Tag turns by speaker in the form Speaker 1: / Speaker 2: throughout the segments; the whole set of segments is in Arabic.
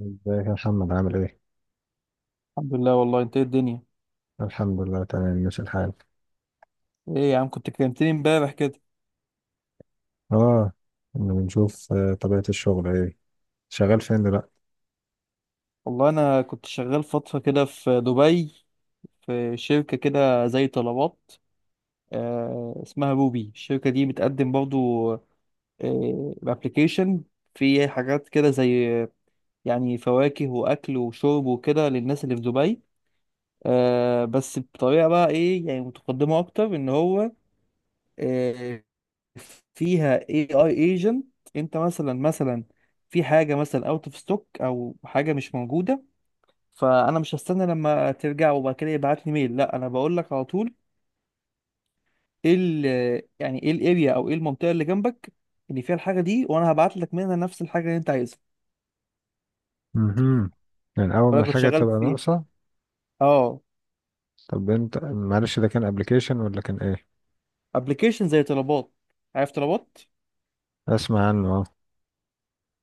Speaker 1: ازيك يا محمد عامل ايه؟
Speaker 2: الحمد لله. والله انت ايه الدنيا؟
Speaker 1: الحمد لله تمام ماشي الحال.
Speaker 2: ايه يا عم، كنت كلمتني امبارح كده.
Speaker 1: اه. إنه بنشوف طبيعة الشغل ايه. شغال فين دلوقتي؟
Speaker 2: والله انا كنت شغال فترة كده في دبي، في شركة كده زي طلبات. آه اسمها روبي، الشركة دي بتقدم برضو آه ابلكيشن في حاجات كده زي يعني فواكه واكل وشرب وكده للناس اللي في دبي. آه بس بطريقة بقى ايه يعني متقدمة اكتر، ان هو آه، فيها AI agent. انت مثلا في حاجة مثلا اوت اوف ستوك او حاجة مش موجودة، فانا مش هستنى لما ترجع وبعد كده يبعت لي ميل، لا انا بقول لك على طول ايه ال يعني ايه الاريا او ايه المنطقة اللي جنبك اللي فيها الحاجة دي، وانا هبعت لك منها نفس الحاجة اللي انت عايزها.
Speaker 1: امم، يعني اول ما
Speaker 2: وانا كنت
Speaker 1: الحاجة
Speaker 2: شغال
Speaker 1: تبقى
Speaker 2: فيه.
Speaker 1: ناقصة.
Speaker 2: اه
Speaker 1: طب انت معلش ده كان ابلكيشن ولا كان ايه؟
Speaker 2: ابلكيشن زي طلبات، عارف طلبات؟
Speaker 1: اسمع عنه اه.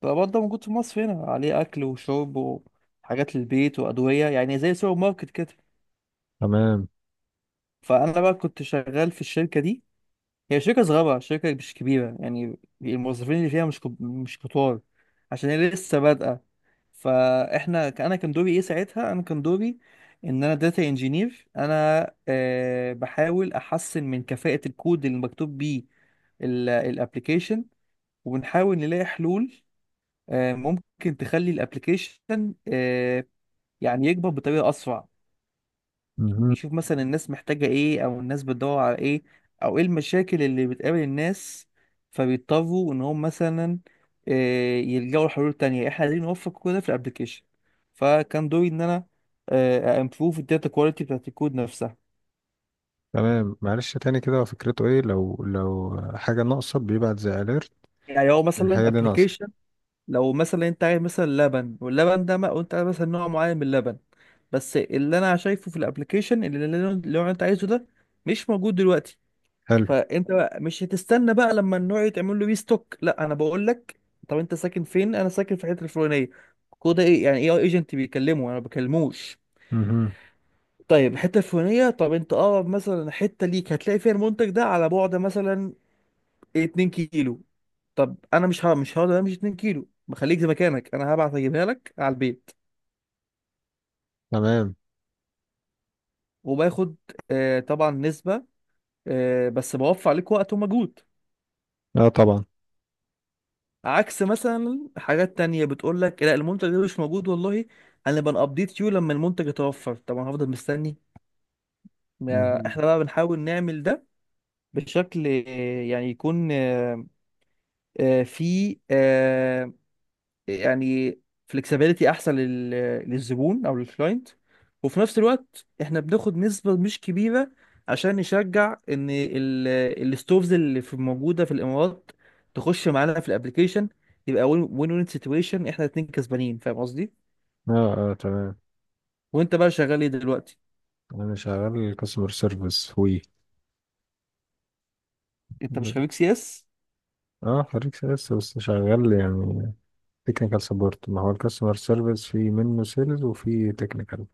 Speaker 2: طلبات ده موجود في مصر هنا، عليه اكل وشرب وحاجات للبيت وادوية، يعني زي سوبر ماركت كده.
Speaker 1: تمام.
Speaker 2: فانا بقى كنت شغال في الشركة دي، هي شركة صغيرة، شركة مش كبيرة، يعني الموظفين اللي فيها مش كتار، عشان هي لسه بادئة. فاحنا انا كان دوري ايه ساعتها؟ انا كان دوري ان انا داتا انجينير. انا أه بحاول احسن من كفاءة الكود اللي مكتوب بيه الابلكيشن، وبنحاول نلاقي حلول أه ممكن تخلي الابلكيشن أه يعني يكبر بطريقة اسرع.
Speaker 1: امم.
Speaker 2: نشوف مثلا الناس محتاجة ايه، او الناس بتدور على ايه، او ايه المشاكل اللي بتقابل الناس فبيضطروا ان هم مثلا يلجأوا لحلول تانية. احنا عايزين نوفق كل ده في الابليكيشن. فكان دوري ان انا امبروف الداتا كواليتي بتاعت الكود نفسها.
Speaker 1: تمام معلش تاني كده هو فكرته ايه لو حاجة ناقصة بيبعت زي اليرت
Speaker 2: يعني هو مثلا
Speaker 1: الحاجة دي
Speaker 2: ابلكيشن،
Speaker 1: ناقصة.
Speaker 2: لو مثلا انت عايز مثلا لبن، واللبن ده ما وانت عايز مثلا نوع معين من اللبن بس اللي انا شايفه في الابلكيشن اللي انت عايزه ده مش موجود دلوقتي،
Speaker 1: حلو.
Speaker 2: فانت بقى مش هتستنى بقى لما النوع يتعمل له ريستوك، لا انا بقول لك طب انت ساكن فين؟ انا ساكن في الحته الفلانيه. كود ايه يعني، اي ايجنت بيكلمه، انا ما بكلموش.
Speaker 1: امم.
Speaker 2: طيب الحته الفلانيه، طب انت اقرب مثلا حته ليك هتلاقي فيها المنتج ده على بعد مثلا 2 كيلو. طب انا مش هقدر امشي 2 كيلو، بخليك زي مكانك انا هبعت اجيبها لك على البيت.
Speaker 1: تمام.
Speaker 2: وباخد آه طبعا نسبه، آه بس بوفر عليك وقت ومجهود.
Speaker 1: اه طبعا.
Speaker 2: عكس مثلا حاجات تانية بتقول لك لا المنتج ده مش موجود، والله هنبقى نابديت يو لما المنتج يتوفر، طبعا هفضل مستني. ما
Speaker 1: امم.
Speaker 2: احنا بقى بنحاول نعمل ده بشكل يعني يكون في يعني فلكسبيليتي احسن لل... للزبون او للكلاينت، وفي نفس الوقت احنا بناخد نسبة مش كبيرة عشان نشجع ان ال... الستوفز اللي في موجودة في الامارات تخش معانا في الابليكيشن. يبقى وين وين وين سيتويشن، احنا اتنين كسبانين، فاهم قصدي؟
Speaker 1: اه اه تمام.
Speaker 2: وانت بقى شغال ايه دلوقتي؟
Speaker 1: انا شغال كاستمر سيرفيس وي.
Speaker 2: انت مش خريج سي اس؟
Speaker 1: اه خريج سيلز بس شغال يعني تكنيكال سبورت، ما هو الكاستمر سيرفيس في منه سيلز وفي تكنيكال.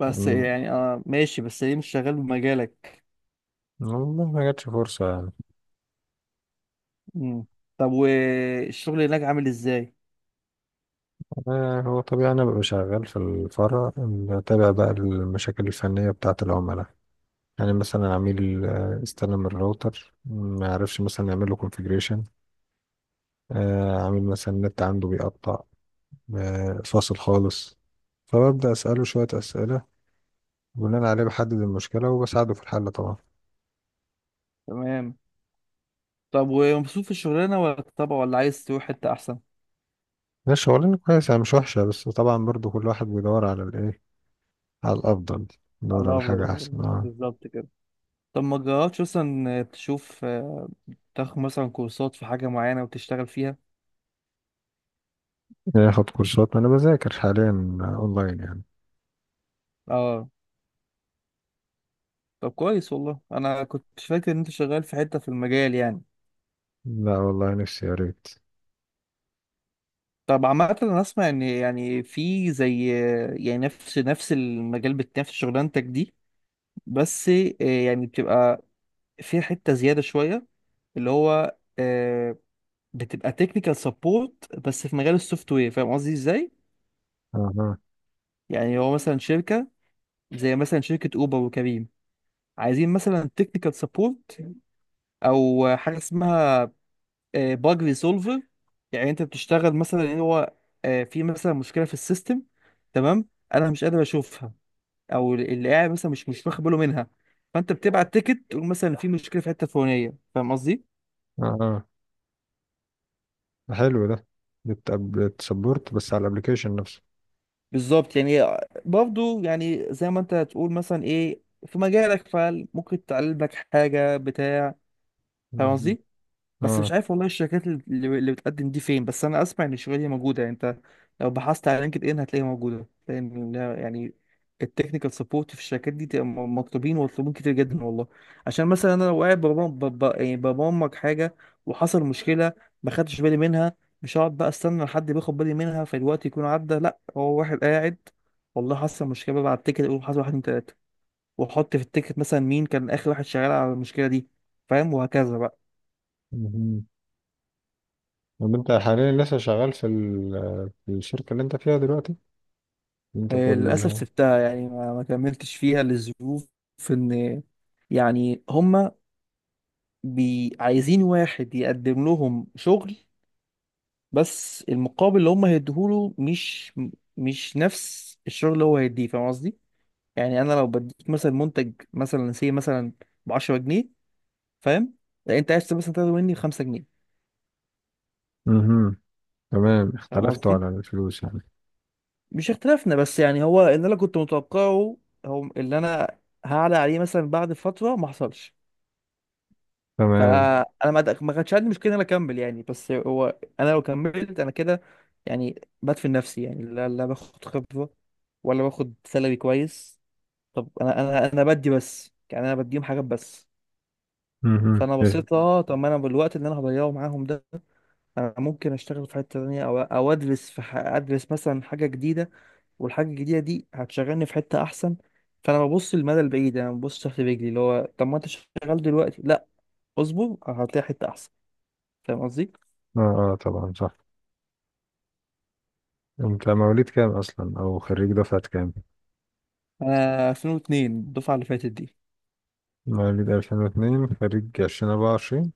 Speaker 2: بس
Speaker 1: يعني
Speaker 2: يعني اه ماشي، بس ليه مش شغال بمجالك؟
Speaker 1: والله ما جاتش فرصة يعني.
Speaker 2: مم. طب والشغل هناك عامل ازاي؟
Speaker 1: آه هو طبيعي، أنا ببقى شغال في الفرع بتابع بقى المشاكل الفنية بتاعة العملاء. يعني مثلا عميل استلم الراوتر ما عرفش مثلا يعمل له كونفيجريشن. عميل مثلا النت عنده بيقطع، فاصل خالص، فببدأ أسأله شوية أسئلة، بناء عليه بحدد المشكلة وبساعده في الحل طبعا.
Speaker 2: تمام. طب ومبسوط في الشغلانة، ولا طبعا ولا عايز تروح حتة احسن؟
Speaker 1: ده شغلانة كويسة مش وحشة، بس طبعا برضو كل واحد بيدور على الإيه، على الأفضل، بيدور
Speaker 2: الله
Speaker 1: على
Speaker 2: افضل
Speaker 1: حاجة
Speaker 2: والله.
Speaker 1: أحسن اه.
Speaker 2: بالظبط كده. طب ما تجربش مثلا تشوف تاخد مثلا كورسات في حاجة معينة وتشتغل فيها.
Speaker 1: ياخد كورسات، ما أنا بذاكر حاليا أونلاين يعني.
Speaker 2: اه طب كويس، والله انا كنت فاكر ان انت شغال في حتة في المجال يعني.
Speaker 1: لا والله نفسي يا ريت.
Speaker 2: طب عامة انا اسمع ان يعني في زي يعني نفس نفس المجال نفس شغلانتك دي، بس يعني بتبقى في حتة زيادة شوية، اللي هو بتبقى تكنيكال سبورت بس في مجال السوفت وير، فاهم قصدي ازاي؟
Speaker 1: أها.
Speaker 2: يعني هو مثلا شركة زي مثلا شركة أوبر وكريم، عايزين مثلا تكنيكال سبورت أو حاجة اسمها باج ريسولفر. يعني أنت بتشتغل مثلا إن هو في مثلا مشكلة في السيستم، تمام، أنا مش قادر أشوفها أو اللي قاعد مثلا مش واخد باله منها، فأنت بتبعت تيكت تقول مثلا في مشكلة في الحتة الفلانية، فاهم قصدي؟
Speaker 1: أها حلو ده، بتسبورت بس على الأبليكيشن نفسه.
Speaker 2: بالظبط يعني. برضه يعني زي ما أنت هتقول مثلا إيه في مجالك، فممكن تعلم لك حاجة بتاع، فاهم
Speaker 1: مهم.
Speaker 2: قصدي؟ بس مش
Speaker 1: اه.
Speaker 2: عارف والله الشركات اللي بتقدم دي فين، بس انا اسمع ان الشغلانه دي موجوده يعني. انت لو بحثت على لينكد ان هتلاقيها موجوده، لان يعني التكنيكال سبورت في الشركات دي تبقى مطلوبين، ومطلوبين كتير جدا والله. عشان مثلا انا لو قاعد يعني ببرمج حاجه وحصل مشكله ما خدتش بالي منها، مش هقعد بقى استنى لحد بياخد بالي منها فالوقت يكون عدى، لا هو واحد قاعد والله حصل مشكله، بقى على التيكت اقول حصل واحد اتنين تلاته، واحط في التيكت مثلا مين كان اخر واحد شغال على المشكله دي، فاهم؟ وهكذا بقى.
Speaker 1: مهم. طب أنت حاليا لسه شغال في، في الشركة اللي أنت فيها دلوقتي؟ اللي أنت بتقول.
Speaker 2: للأسف سبتها يعني ما كملتش فيها للظروف، إن يعني هما بي عايزين واحد يقدم لهم شغل بس المقابل اللي هما هيديهوله مش مش نفس الشغل اللي هو هيديه، فاهم قصدي؟ يعني أنا لو بديك مثلا منتج مثلا سي مثلا ب 10 جنيه، فاهم؟ لا أنت عايز مثلا تاخد مني 5 جنيه،
Speaker 1: مهم. تمام،
Speaker 2: فاهم
Speaker 1: اختلفتوا
Speaker 2: قصدي؟
Speaker 1: على الفلوس يعني.
Speaker 2: مش اختلافنا بس، يعني هو اللي أنا كنت متوقعه هو اللي أنا هعلى عليه مثلا بعد فترة ما حصلش.
Speaker 1: تمام.
Speaker 2: فانا ما كانش عندي مشكله ان انا اكمل يعني، بس هو انا لو كملت انا كده يعني بدفن نفسي يعني، لا لا باخد خبره ولا باخد سالري كويس. طب انا انا بدي بس، يعني انا بديهم حاجات بس.
Speaker 1: مهم.
Speaker 2: فانا
Speaker 1: إيه.
Speaker 2: بصيت اه طب ما انا بالوقت اللي انا هضيعه معاهم ده انا ممكن اشتغل في حته تانية او او ادرس في ادرس مثلا حاجه جديده، والحاجه الجديده دي هتشغلني في حته احسن. فانا ببص للمدى البعيد، انا ببص تحت رجلي اللي هو طب ما انت شغال دلوقتي، لا اصبر هتلاقي حته احسن، فاهم قصدي؟
Speaker 1: اه اه طبعا صح. انت مواليد كام اصلا او خريج دفعة كام؟
Speaker 2: انا 2002، الدفعه اللي فاتت دي.
Speaker 1: مواليد 2002 خريج 2024.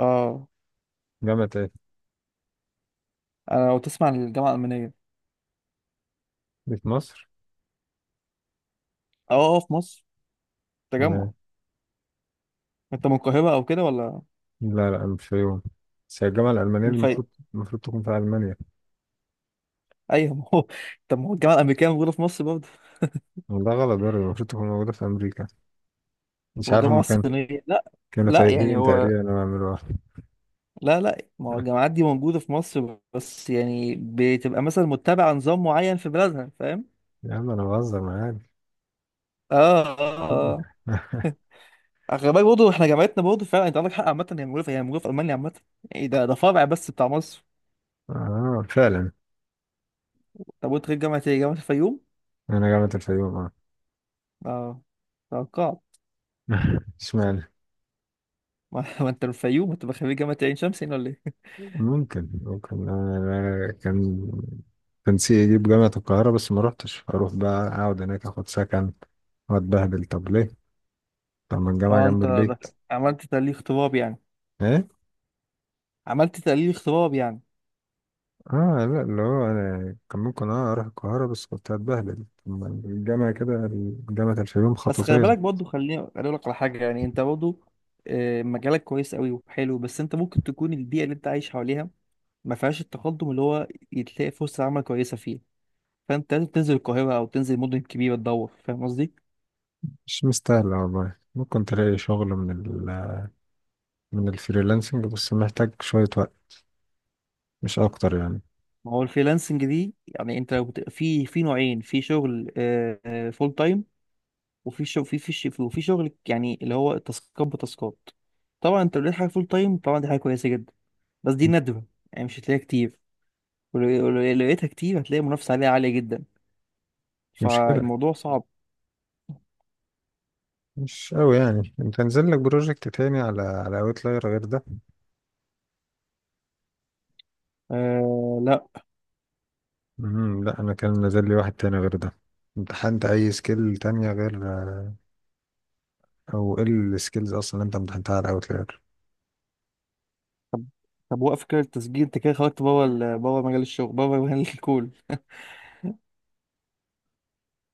Speaker 2: اه
Speaker 1: جامعة ايه؟
Speaker 2: انا لو تسمع عن الجامعه الالمانيه.
Speaker 1: دي في مصر.
Speaker 2: اه اه في مصر. تجمع.
Speaker 1: تمام.
Speaker 2: انت من القاهره او كده ولا؟
Speaker 1: لا لا مش في يوم، بس هي الجامعة الألمانية
Speaker 2: من
Speaker 1: دي المفروض،
Speaker 2: الفيوم.
Speaker 1: المفروض تكون في ألمانيا.
Speaker 2: ايوه ما هو طب ما هو الجامعه الامريكيه موجوده في مصر برضه.
Speaker 1: ده غلط برضه، المفروض تكون موجودة في أمريكا. مش عارف
Speaker 2: والجامعه
Speaker 1: هما كانوا،
Speaker 2: الصينيه؟ لا
Speaker 1: كانوا
Speaker 2: لا يعني
Speaker 1: تايهين
Speaker 2: هو،
Speaker 1: تقريبا أنا بعملوها
Speaker 2: لا لا ما هو الجامعات دي موجوده في مصر بس يعني بتبقى مثلا متبعه نظام معين في بلادها، فاهم؟
Speaker 1: يا عم أنا بهزر معاك.
Speaker 2: اه اه. اه خلي بالك برضه احنا جامعتنا برضه فعلا انت عندك حق، عامه هي موجوده في هي موجوده في المانيا عامه، يعني ده ده فرع بس بتاع مصر.
Speaker 1: اه فعلا.
Speaker 2: طب وانت غير جامعه ايه؟ جامعه الفيوم؟
Speaker 1: أنا جامعة الفيوم اه.
Speaker 2: اه توقعت.
Speaker 1: اشمعنى.
Speaker 2: ما ما انت من الفيوم، انت من خريج جامعة عين شمس هنا ولا ايه؟
Speaker 1: ممكن ممكن، أنا كان، كان نفسي يجيب جامعة القاهرة بس ما روحتش، أروح بقى أقعد هناك أخد سكن وأتبهدل، طب ليه؟ طب ما الجامعة
Speaker 2: اه
Speaker 1: جنب
Speaker 2: انت ده
Speaker 1: البيت.
Speaker 2: عملت تحليل اغتراب يعني.
Speaker 1: إيه؟
Speaker 2: عملت تحليل اغتراب يعني.
Speaker 1: آه لا، اللي هو أنا كان ممكن أه أروح القاهرة بس كنت هتبهدل، طب ما الجامعة كده، جامعة الفيوم
Speaker 2: بس خلي
Speaker 1: خطوتين.
Speaker 2: بالك برضه، خليني اقول لك على حاجة يعني انت برضه مجالك كويس قوي وحلو، بس انت ممكن تكون البيئة اللي انت عايش حواليها ما فيهاش التقدم اللي هو تلاقي فرصة عمل كويسة فيه، فانت لازم تنزل القاهرة او تنزل مدن كبيرة تدور، فاهم قصدي؟
Speaker 1: مش مستاهلة والله. ممكن تلاقي شغل من من الفريلانسنج، بس محتاج شوية وقت مش أكتر يعني.
Speaker 2: ما هو الفريلانسنج دي يعني انت لو في في نوعين في شغل، فول تايم، وفي شغل في وفي شغل يعني اللي هو تاسكات بتاسكات. طبعا انت لو لقيت حاجه فول تايم طبعا دي حاجه كويسه جدا، بس دي
Speaker 1: مش
Speaker 2: نادره يعني مش هتلاقيها كتير، ولو لقيتها كتير هتلاقي المنافسه عليها عاليه جدا،
Speaker 1: مشكلة.
Speaker 2: فالموضوع صعب.
Speaker 1: مش أوي يعني، أنت نزل لك بروجكت تاني على أوتلاير غير ده؟
Speaker 2: آه لا.
Speaker 1: مم، لا انا كان نزل لي واحد تاني غير ده. امتحنت اي سكيل تانية غير، او ايه السكيلز اصلا اللي انت امتحنتها على اوتلاير؟
Speaker 2: طب طب وقف كده التسجيل انت كده خرجت بره بره مجال الشغل بره مجال الكول